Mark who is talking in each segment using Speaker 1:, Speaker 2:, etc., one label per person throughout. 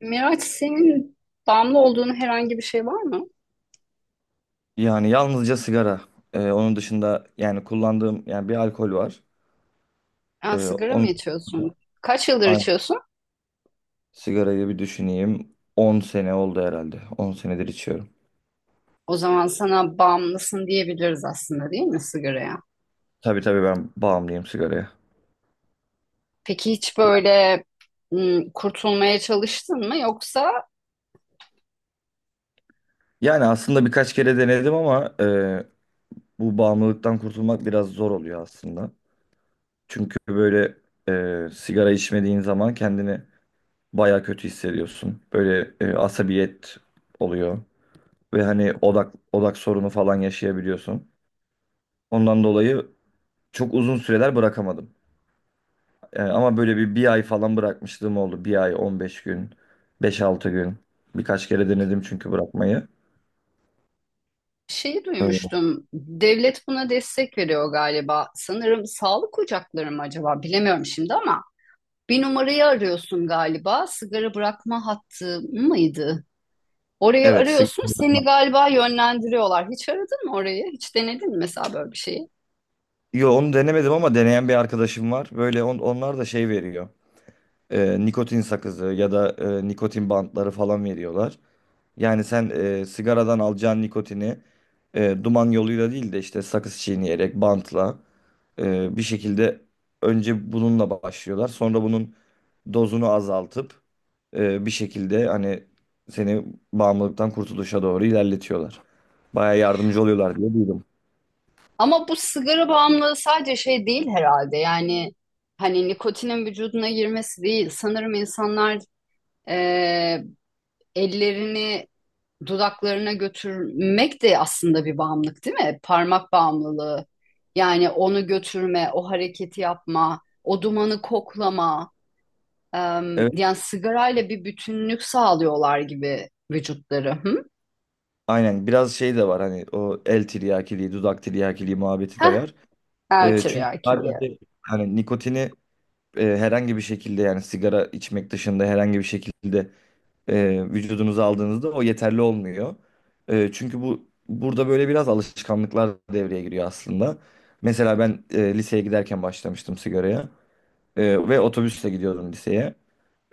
Speaker 1: Miraç senin bağımlı olduğun herhangi bir şey var mı?
Speaker 2: Yani yalnızca sigara. Onun dışında kullandığım bir alkol var. Ee,
Speaker 1: Yani sigara mı
Speaker 2: onun
Speaker 1: içiyorsun? Kaç yıldır
Speaker 2: Ay,
Speaker 1: içiyorsun?
Speaker 2: Sigarayı bir düşüneyim. 10 sene oldu herhalde. 10 senedir içiyorum.
Speaker 1: O zaman sana bağımlısın diyebiliriz aslında, değil mi, sigaraya?
Speaker 2: Tabii tabii, ben bağımlıyım sigaraya.
Speaker 1: Peki hiç böyle kurtulmaya çalıştın mı? Yoksa
Speaker 2: Yani aslında birkaç kere denedim, ama bu bağımlılıktan kurtulmak biraz zor oluyor aslında. Çünkü böyle sigara içmediğin zaman kendini baya kötü hissediyorsun. Böyle asabiyet oluyor ve hani odak sorunu falan yaşayabiliyorsun. Ondan dolayı çok uzun süreler bırakamadım. Ama böyle bir ay falan bırakmışlığım oldu. Bir ay, 15 gün, 5-6 gün. Birkaç kere denedim çünkü bırakmayı.
Speaker 1: şeyi
Speaker 2: Ee,
Speaker 1: duymuştum. Devlet buna destek veriyor galiba. Sanırım sağlık ocakları mı acaba? Bilemiyorum şimdi ama bir numarayı arıyorsun galiba. Sigara bırakma hattı mıydı? Orayı
Speaker 2: Evet. sig-
Speaker 1: arıyorsun, seni galiba yönlendiriyorlar. Hiç aradın mı orayı? Hiç denedin mi mesela böyle bir şeyi?
Speaker 2: Yo, onu denemedim, ama deneyen bir arkadaşım var. Böyle onlar da şey veriyor. Nikotin sakızı ya da nikotin bantları falan veriyorlar. Yani sen sigaradan alacağın nikotini duman yoluyla değil de işte sakız çiğneyerek, bantla bir şekilde önce bununla başlıyorlar. Sonra bunun dozunu azaltıp bir şekilde hani seni bağımlılıktan kurtuluşa doğru ilerletiyorlar. Baya yardımcı oluyorlar diye duydum.
Speaker 1: Ama bu sigara bağımlılığı sadece şey değil herhalde. Yani hani nikotinin vücuduna girmesi değil. Sanırım insanlar eee, ellerini dudaklarına götürmek de aslında bir bağımlılık, değil mi? Parmak bağımlılığı. Yani onu götürme, o hareketi yapma, o dumanı koklama.
Speaker 2: Evet,
Speaker 1: Yani sigarayla bir bütünlük sağlıyorlar gibi vücutları. Hı?
Speaker 2: aynen, biraz şey de var hani, o el tiryakiliği, dudak tiryakiliği muhabbeti de var. Çünkü
Speaker 1: Ertiryakiliğe. Evet.
Speaker 2: sadece hani nikotini herhangi bir şekilde, yani sigara içmek dışında herhangi bir şekilde vücudunuza aldığınızda o yeterli olmuyor. Çünkü bu burada böyle biraz alışkanlıklar devreye giriyor aslında. Mesela ben liseye giderken başlamıştım sigaraya. Ve otobüsle gidiyordum liseye.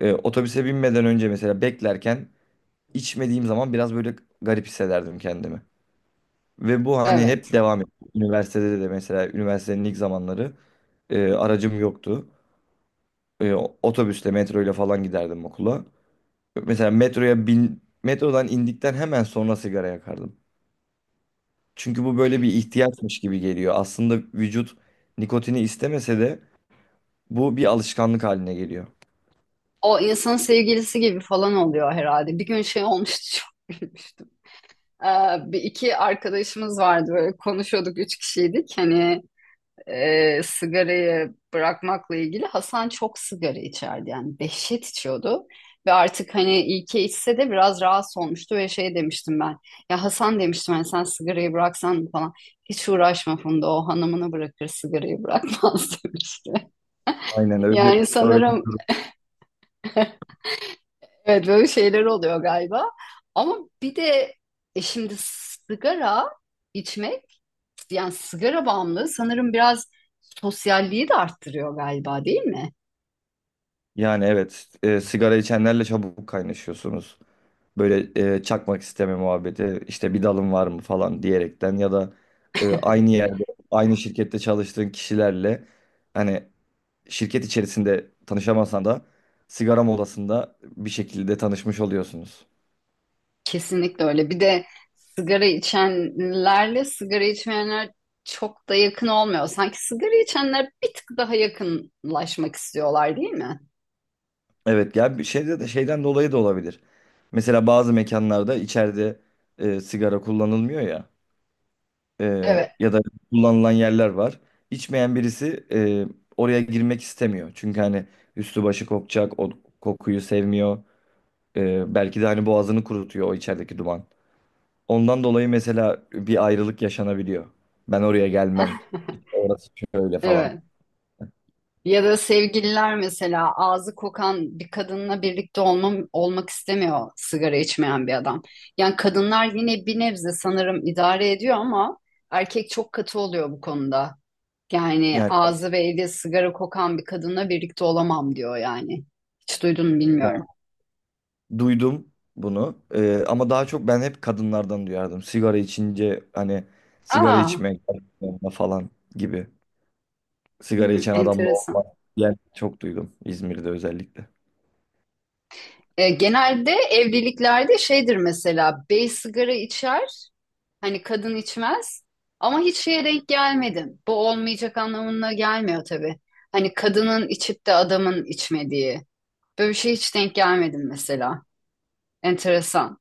Speaker 2: Otobüse binmeden önce mesela beklerken içmediğim zaman biraz böyle garip hissederdim kendimi. Ve bu hani hep
Speaker 1: Evet.
Speaker 2: devam etti. Üniversitede de, mesela üniversitenin ilk zamanları aracım yoktu. Otobüsle, metroyla falan giderdim okula. Mesela metroya bin, metrodan indikten hemen sonra sigara yakardım. Çünkü bu böyle bir ihtiyaçmış gibi geliyor. Aslında vücut nikotini istemese de bu bir alışkanlık haline geliyor.
Speaker 1: O insanın sevgilisi gibi falan oluyor herhalde. Bir gün şey olmuştu çok gülmüştüm. Ee, bir iki arkadaşımız vardı böyle konuşuyorduk, üç kişiydik. Hani sigarayı bırakmakla ilgili Hasan çok sigara içerdi, yani dehşet içiyordu. Ve artık hani iyi ki içse de biraz rahatsız olmuştu ve şey demiştim ben. Ya Hasan demiştim, hani sen sigarayı bıraksan falan. Hiç uğraşma Funda, o hanımını bırakır sigarayı bırakmaz demişti.
Speaker 2: Aynen, öyle
Speaker 1: Yani
Speaker 2: öyle bir
Speaker 1: sanırım
Speaker 2: durum.
Speaker 1: evet, böyle şeyler oluyor galiba. Ama bir de e şimdi sigara içmek, yani sigara bağımlılığı sanırım biraz sosyalliği de arttırıyor galiba, değil mi?
Speaker 2: Yani evet, sigara içenlerle çabuk kaynaşıyorsunuz. Böyle çakmak isteme muhabbeti, işte bir dalın var mı falan diyerekten, ya da aynı yerde aynı şirkette çalıştığın kişilerle, hani şirket içerisinde tanışamasan da sigara molasında bir şekilde tanışmış oluyorsunuz.
Speaker 1: Kesinlikle öyle. Bir de sigara içenlerle sigara içmeyenler çok da yakın olmuyor. Sanki sigara içenler bir tık daha yakınlaşmak istiyorlar, değil mi?
Speaker 2: Evet ya, bir şeyde de şeyden dolayı da olabilir. Mesela bazı mekanlarda içeride sigara kullanılmıyor ya, e,
Speaker 1: Evet.
Speaker 2: ya da kullanılan yerler var. İçmeyen birisi oraya girmek istemiyor. Çünkü hani üstü başı kokacak, o kokuyu sevmiyor. Belki de hani boğazını kurutuyor o içerideki duman. Ondan dolayı mesela bir ayrılık yaşanabiliyor. Ben oraya gelmem. İşte orası şöyle falan.
Speaker 1: Evet. Ya da sevgililer mesela, ağzı kokan bir kadınla birlikte olmam, olmak istemiyor sigara içmeyen bir adam. Yani kadınlar yine bir nebze sanırım idare ediyor ama erkek çok katı oluyor bu konuda. Yani
Speaker 2: Yani
Speaker 1: ağzı ve eli sigara kokan bir kadınla birlikte olamam diyor yani. Hiç duydun mu bilmiyorum.
Speaker 2: duydum bunu. Ama daha çok ben hep kadınlardan duyardım. Sigara içince hani sigara
Speaker 1: Aa,
Speaker 2: içmek falan gibi. Sigara
Speaker 1: hmm,
Speaker 2: içen adamla
Speaker 1: enteresan.
Speaker 2: olmak diyen çok duydum, İzmir'de özellikle.
Speaker 1: E, genelde evliliklerde şeydir mesela, bey sigara içer. Hani kadın içmez ama hiç şeye denk gelmedim. Bu olmayacak anlamına gelmiyor tabii. Hani kadının içip de adamın içmediği. Böyle bir şey hiç denk gelmedim mesela. Enteresan.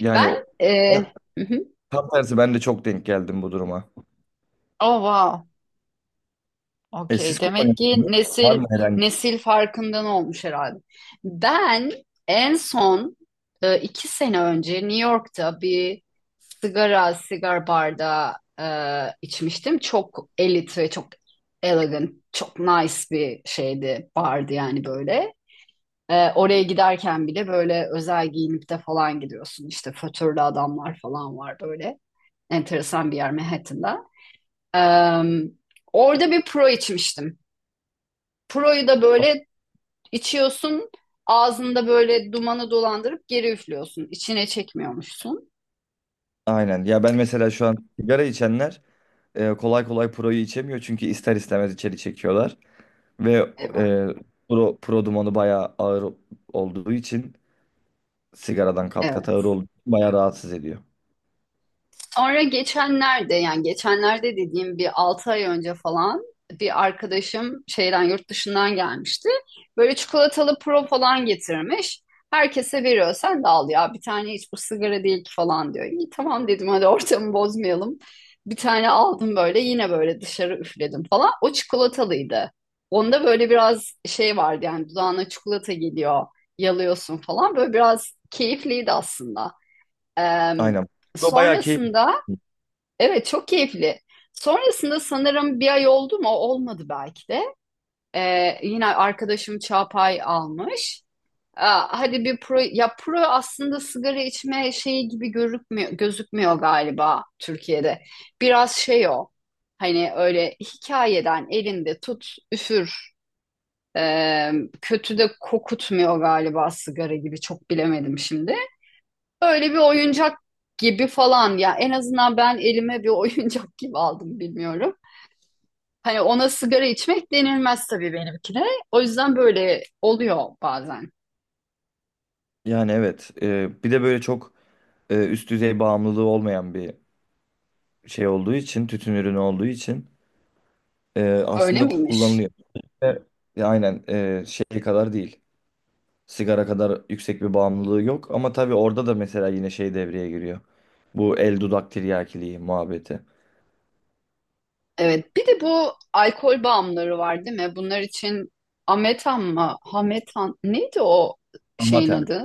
Speaker 2: Yani
Speaker 1: Ben
Speaker 2: o,
Speaker 1: e, hı hı.
Speaker 2: tam tersi, ben de çok denk geldim bu duruma.
Speaker 1: Oh wow.
Speaker 2: E, siz
Speaker 1: Okey. Demek ki
Speaker 2: kullanıyorsunuz. Var
Speaker 1: nesil
Speaker 2: mı herhangi?
Speaker 1: nesil farkından olmuş herhalde. Ben en son iki sene önce New York'ta bir sigar barda içmiştim. Çok elit ve çok elegant, çok nice bir şeydi, bardı yani, böyle. E, oraya giderken bile böyle özel giyinip de falan gidiyorsun. İşte fötürlü adamlar falan var böyle. Enteresan bir yer Manhattan'da. E, orada bir pro içmiştim. Pro'yu da böyle içiyorsun, ağzında böyle dumanı dolandırıp geri üflüyorsun. İçine çekmiyormuşsun.
Speaker 2: Aynen. Ya ben mesela şu an sigara içenler kolay kolay proyu içemiyor, çünkü ister istemez içeri çekiyorlar ve
Speaker 1: Evet.
Speaker 2: e, pro dumanı bayağı ağır olduğu için sigaradan kat kat
Speaker 1: Evet.
Speaker 2: ağır oldu. Bayağı rahatsız ediyor.
Speaker 1: Sonra geçenlerde, yani geçenlerde dediğim bir 6 ay önce falan, bir arkadaşım şeyden yurt dışından gelmişti. Böyle çikolatalı pro falan getirmiş. Herkese veriyor. Sen de al ya bir tane, hiç bu sigara değil ki falan diyor. İyi tamam dedim, hadi ortamı bozmayalım. Bir tane aldım böyle, yine böyle dışarı üfledim falan. O çikolatalıydı. Onda böyle biraz şey vardı, yani dudağına çikolata geliyor, yalıyorsun falan. Böyle biraz keyifliydi aslında. Em,
Speaker 2: Aynen. O bayağı keyifli.
Speaker 1: Sonrasında evet, çok keyifli. Sonrasında sanırım bir ay oldu mu? Olmadı belki de. Yine arkadaşım Çağpay almış. Aa, hadi bir pro, ya pro aslında sigara içme şeyi gibi gözükmüyor galiba Türkiye'de. Biraz şey o. Hani öyle hikayeden elinde tut üfür. Ee, kötü de kokutmuyor galiba sigara gibi, çok bilemedim şimdi. Öyle bir oyuncak gibi falan ya, en azından ben elime bir oyuncak gibi aldım, bilmiyorum. Hani ona sigara içmek denilmez tabii benimkine. O yüzden böyle oluyor bazen.
Speaker 2: Yani evet, bir de böyle çok üst düzey bağımlılığı olmayan bir şey olduğu için, tütün ürünü olduğu için
Speaker 1: Öyle
Speaker 2: aslında
Speaker 1: miymiş?
Speaker 2: kullanılıyor. Ve aynen, şey kadar değil. Sigara kadar yüksek bir bağımlılığı yok. Ama tabii orada da mesela yine şey devreye giriyor. Bu el, dudak tiryakiliği muhabbeti.
Speaker 1: Evet. Bir de bu alkol bağımlıları var değil mi? Bunlar için Ametan mı? Hametan. Neydi o şeyin
Speaker 2: Amatem.
Speaker 1: adı?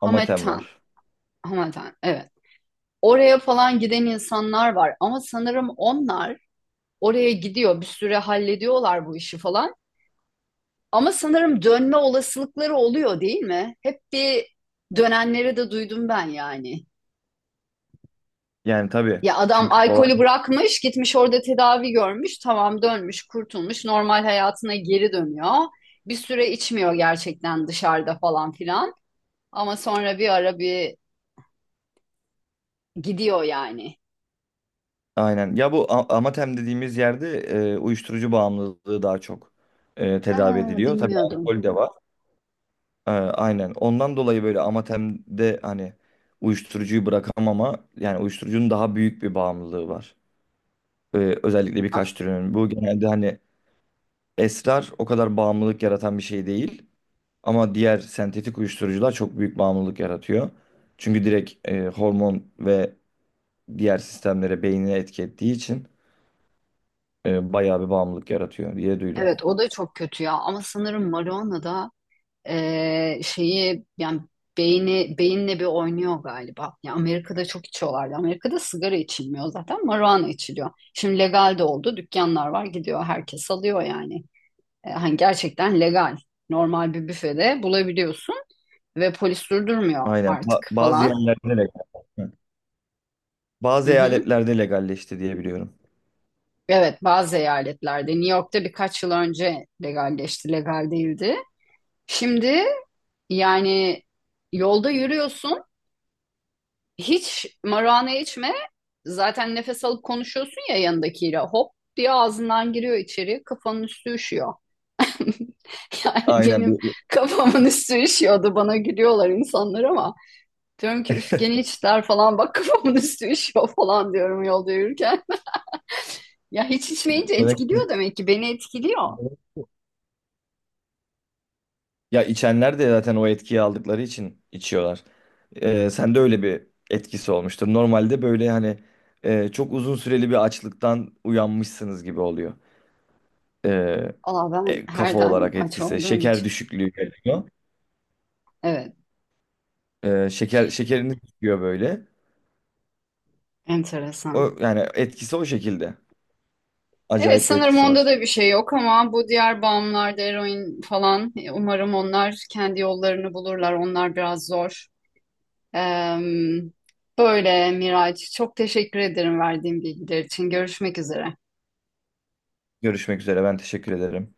Speaker 2: Amatem var.
Speaker 1: Hametan. Evet. Oraya falan giden insanlar var ama sanırım onlar oraya gidiyor, bir süre hallediyorlar bu işi falan. Ama sanırım dönme olasılıkları oluyor değil mi? Hep bir dönenleri de duydum ben yani.
Speaker 2: Yani tabii.
Speaker 1: Ya adam
Speaker 2: Çünkü kolay
Speaker 1: alkolü bırakmış, gitmiş orada tedavi görmüş, tamam dönmüş, kurtulmuş, normal hayatına geri dönüyor. Bir süre içmiyor gerçekten dışarıda falan filan. Ama sonra bir ara bir gidiyor yani.
Speaker 2: aynen. Ya bu Amatem dediğimiz yerde uyuşturucu bağımlılığı daha çok tedavi
Speaker 1: Ha,
Speaker 2: ediliyor. Tabii
Speaker 1: bilmiyordum.
Speaker 2: alkol de var. Aynen. Ondan dolayı böyle Amatem'de hani uyuşturucuyu bırakamama, yani uyuşturucunun daha büyük bir bağımlılığı var. E, Özellikle
Speaker 1: A-
Speaker 2: birkaç türünün. Bu genelde hani esrar o kadar bağımlılık yaratan bir şey değil. Ama diğer sentetik uyuşturucular çok büyük bağımlılık yaratıyor. Çünkü direkt hormon ve diğer sistemlere, beynine etki ettiği için bayağı bir bağımlılık yaratıyor diye duydum.
Speaker 1: Evet, o da çok kötü ya, ama sanırım marijuana da şeyi yani beyni beyinle bir oynuyor galiba. Ya Amerika'da çok içiyorlardı. Amerika'da sigara içilmiyor zaten, marijuana içiliyor. Şimdi legal de oldu. Dükkanlar var, gidiyor herkes alıyor yani. Hani gerçekten legal. Normal bir büfede bulabiliyorsun ve polis durdurmuyor
Speaker 2: Aynen.
Speaker 1: artık
Speaker 2: Bazı
Speaker 1: falan.
Speaker 2: yerlerde legal. Hı.
Speaker 1: Hı
Speaker 2: Bazı
Speaker 1: hı.
Speaker 2: eyaletlerde legalleşti diye biliyorum.
Speaker 1: Evet, bazı eyaletlerde, New York'ta birkaç yıl önce legalleşti, legal değildi. Şimdi yani yolda yürüyorsun, hiç marijuana içme. Zaten nefes alıp konuşuyorsun ya yanındakiyle. Hop diye ağzından giriyor içeri. Kafanın üstü üşüyor. Yani
Speaker 2: Aynen.
Speaker 1: benim kafamın üstü üşüyordu. Bana gülüyorlar insanlar ama. Diyorum ki üf gene içtiler falan. Bak kafamın üstü üşüyor falan diyorum yolda yürürken. Ya hiç içmeyince
Speaker 2: Melek-
Speaker 1: etkiliyor demek ki. Beni etkiliyor.
Speaker 2: Ya, içenler de zaten o etkiyi aldıkları için içiyorlar. Sende öyle bir etkisi olmuştur. Normalde böyle hani çok uzun süreli bir açlıktan uyanmışsınız gibi oluyor. Ee,
Speaker 1: Aa, ben
Speaker 2: Kafa
Speaker 1: her daim
Speaker 2: olarak
Speaker 1: aç
Speaker 2: etkisi.
Speaker 1: olduğum
Speaker 2: Şeker
Speaker 1: için.
Speaker 2: düşüklüğü geliyor.
Speaker 1: Evet,
Speaker 2: Şekeriniz düşüyor böyle. O,
Speaker 1: enteresan.
Speaker 2: yani etkisi o şekilde.
Speaker 1: Evet
Speaker 2: Acayip bir
Speaker 1: sanırım
Speaker 2: etkisi
Speaker 1: onda
Speaker 2: var.
Speaker 1: da bir şey yok ama bu diğer bağımlılarda, eroin falan, umarım onlar kendi yollarını bulurlar. Onlar biraz zor. Eee, böyle Miraç, çok teşekkür ederim verdiğin bilgiler için. Görüşmek üzere.
Speaker 2: Görüşmek üzere. Ben teşekkür ederim.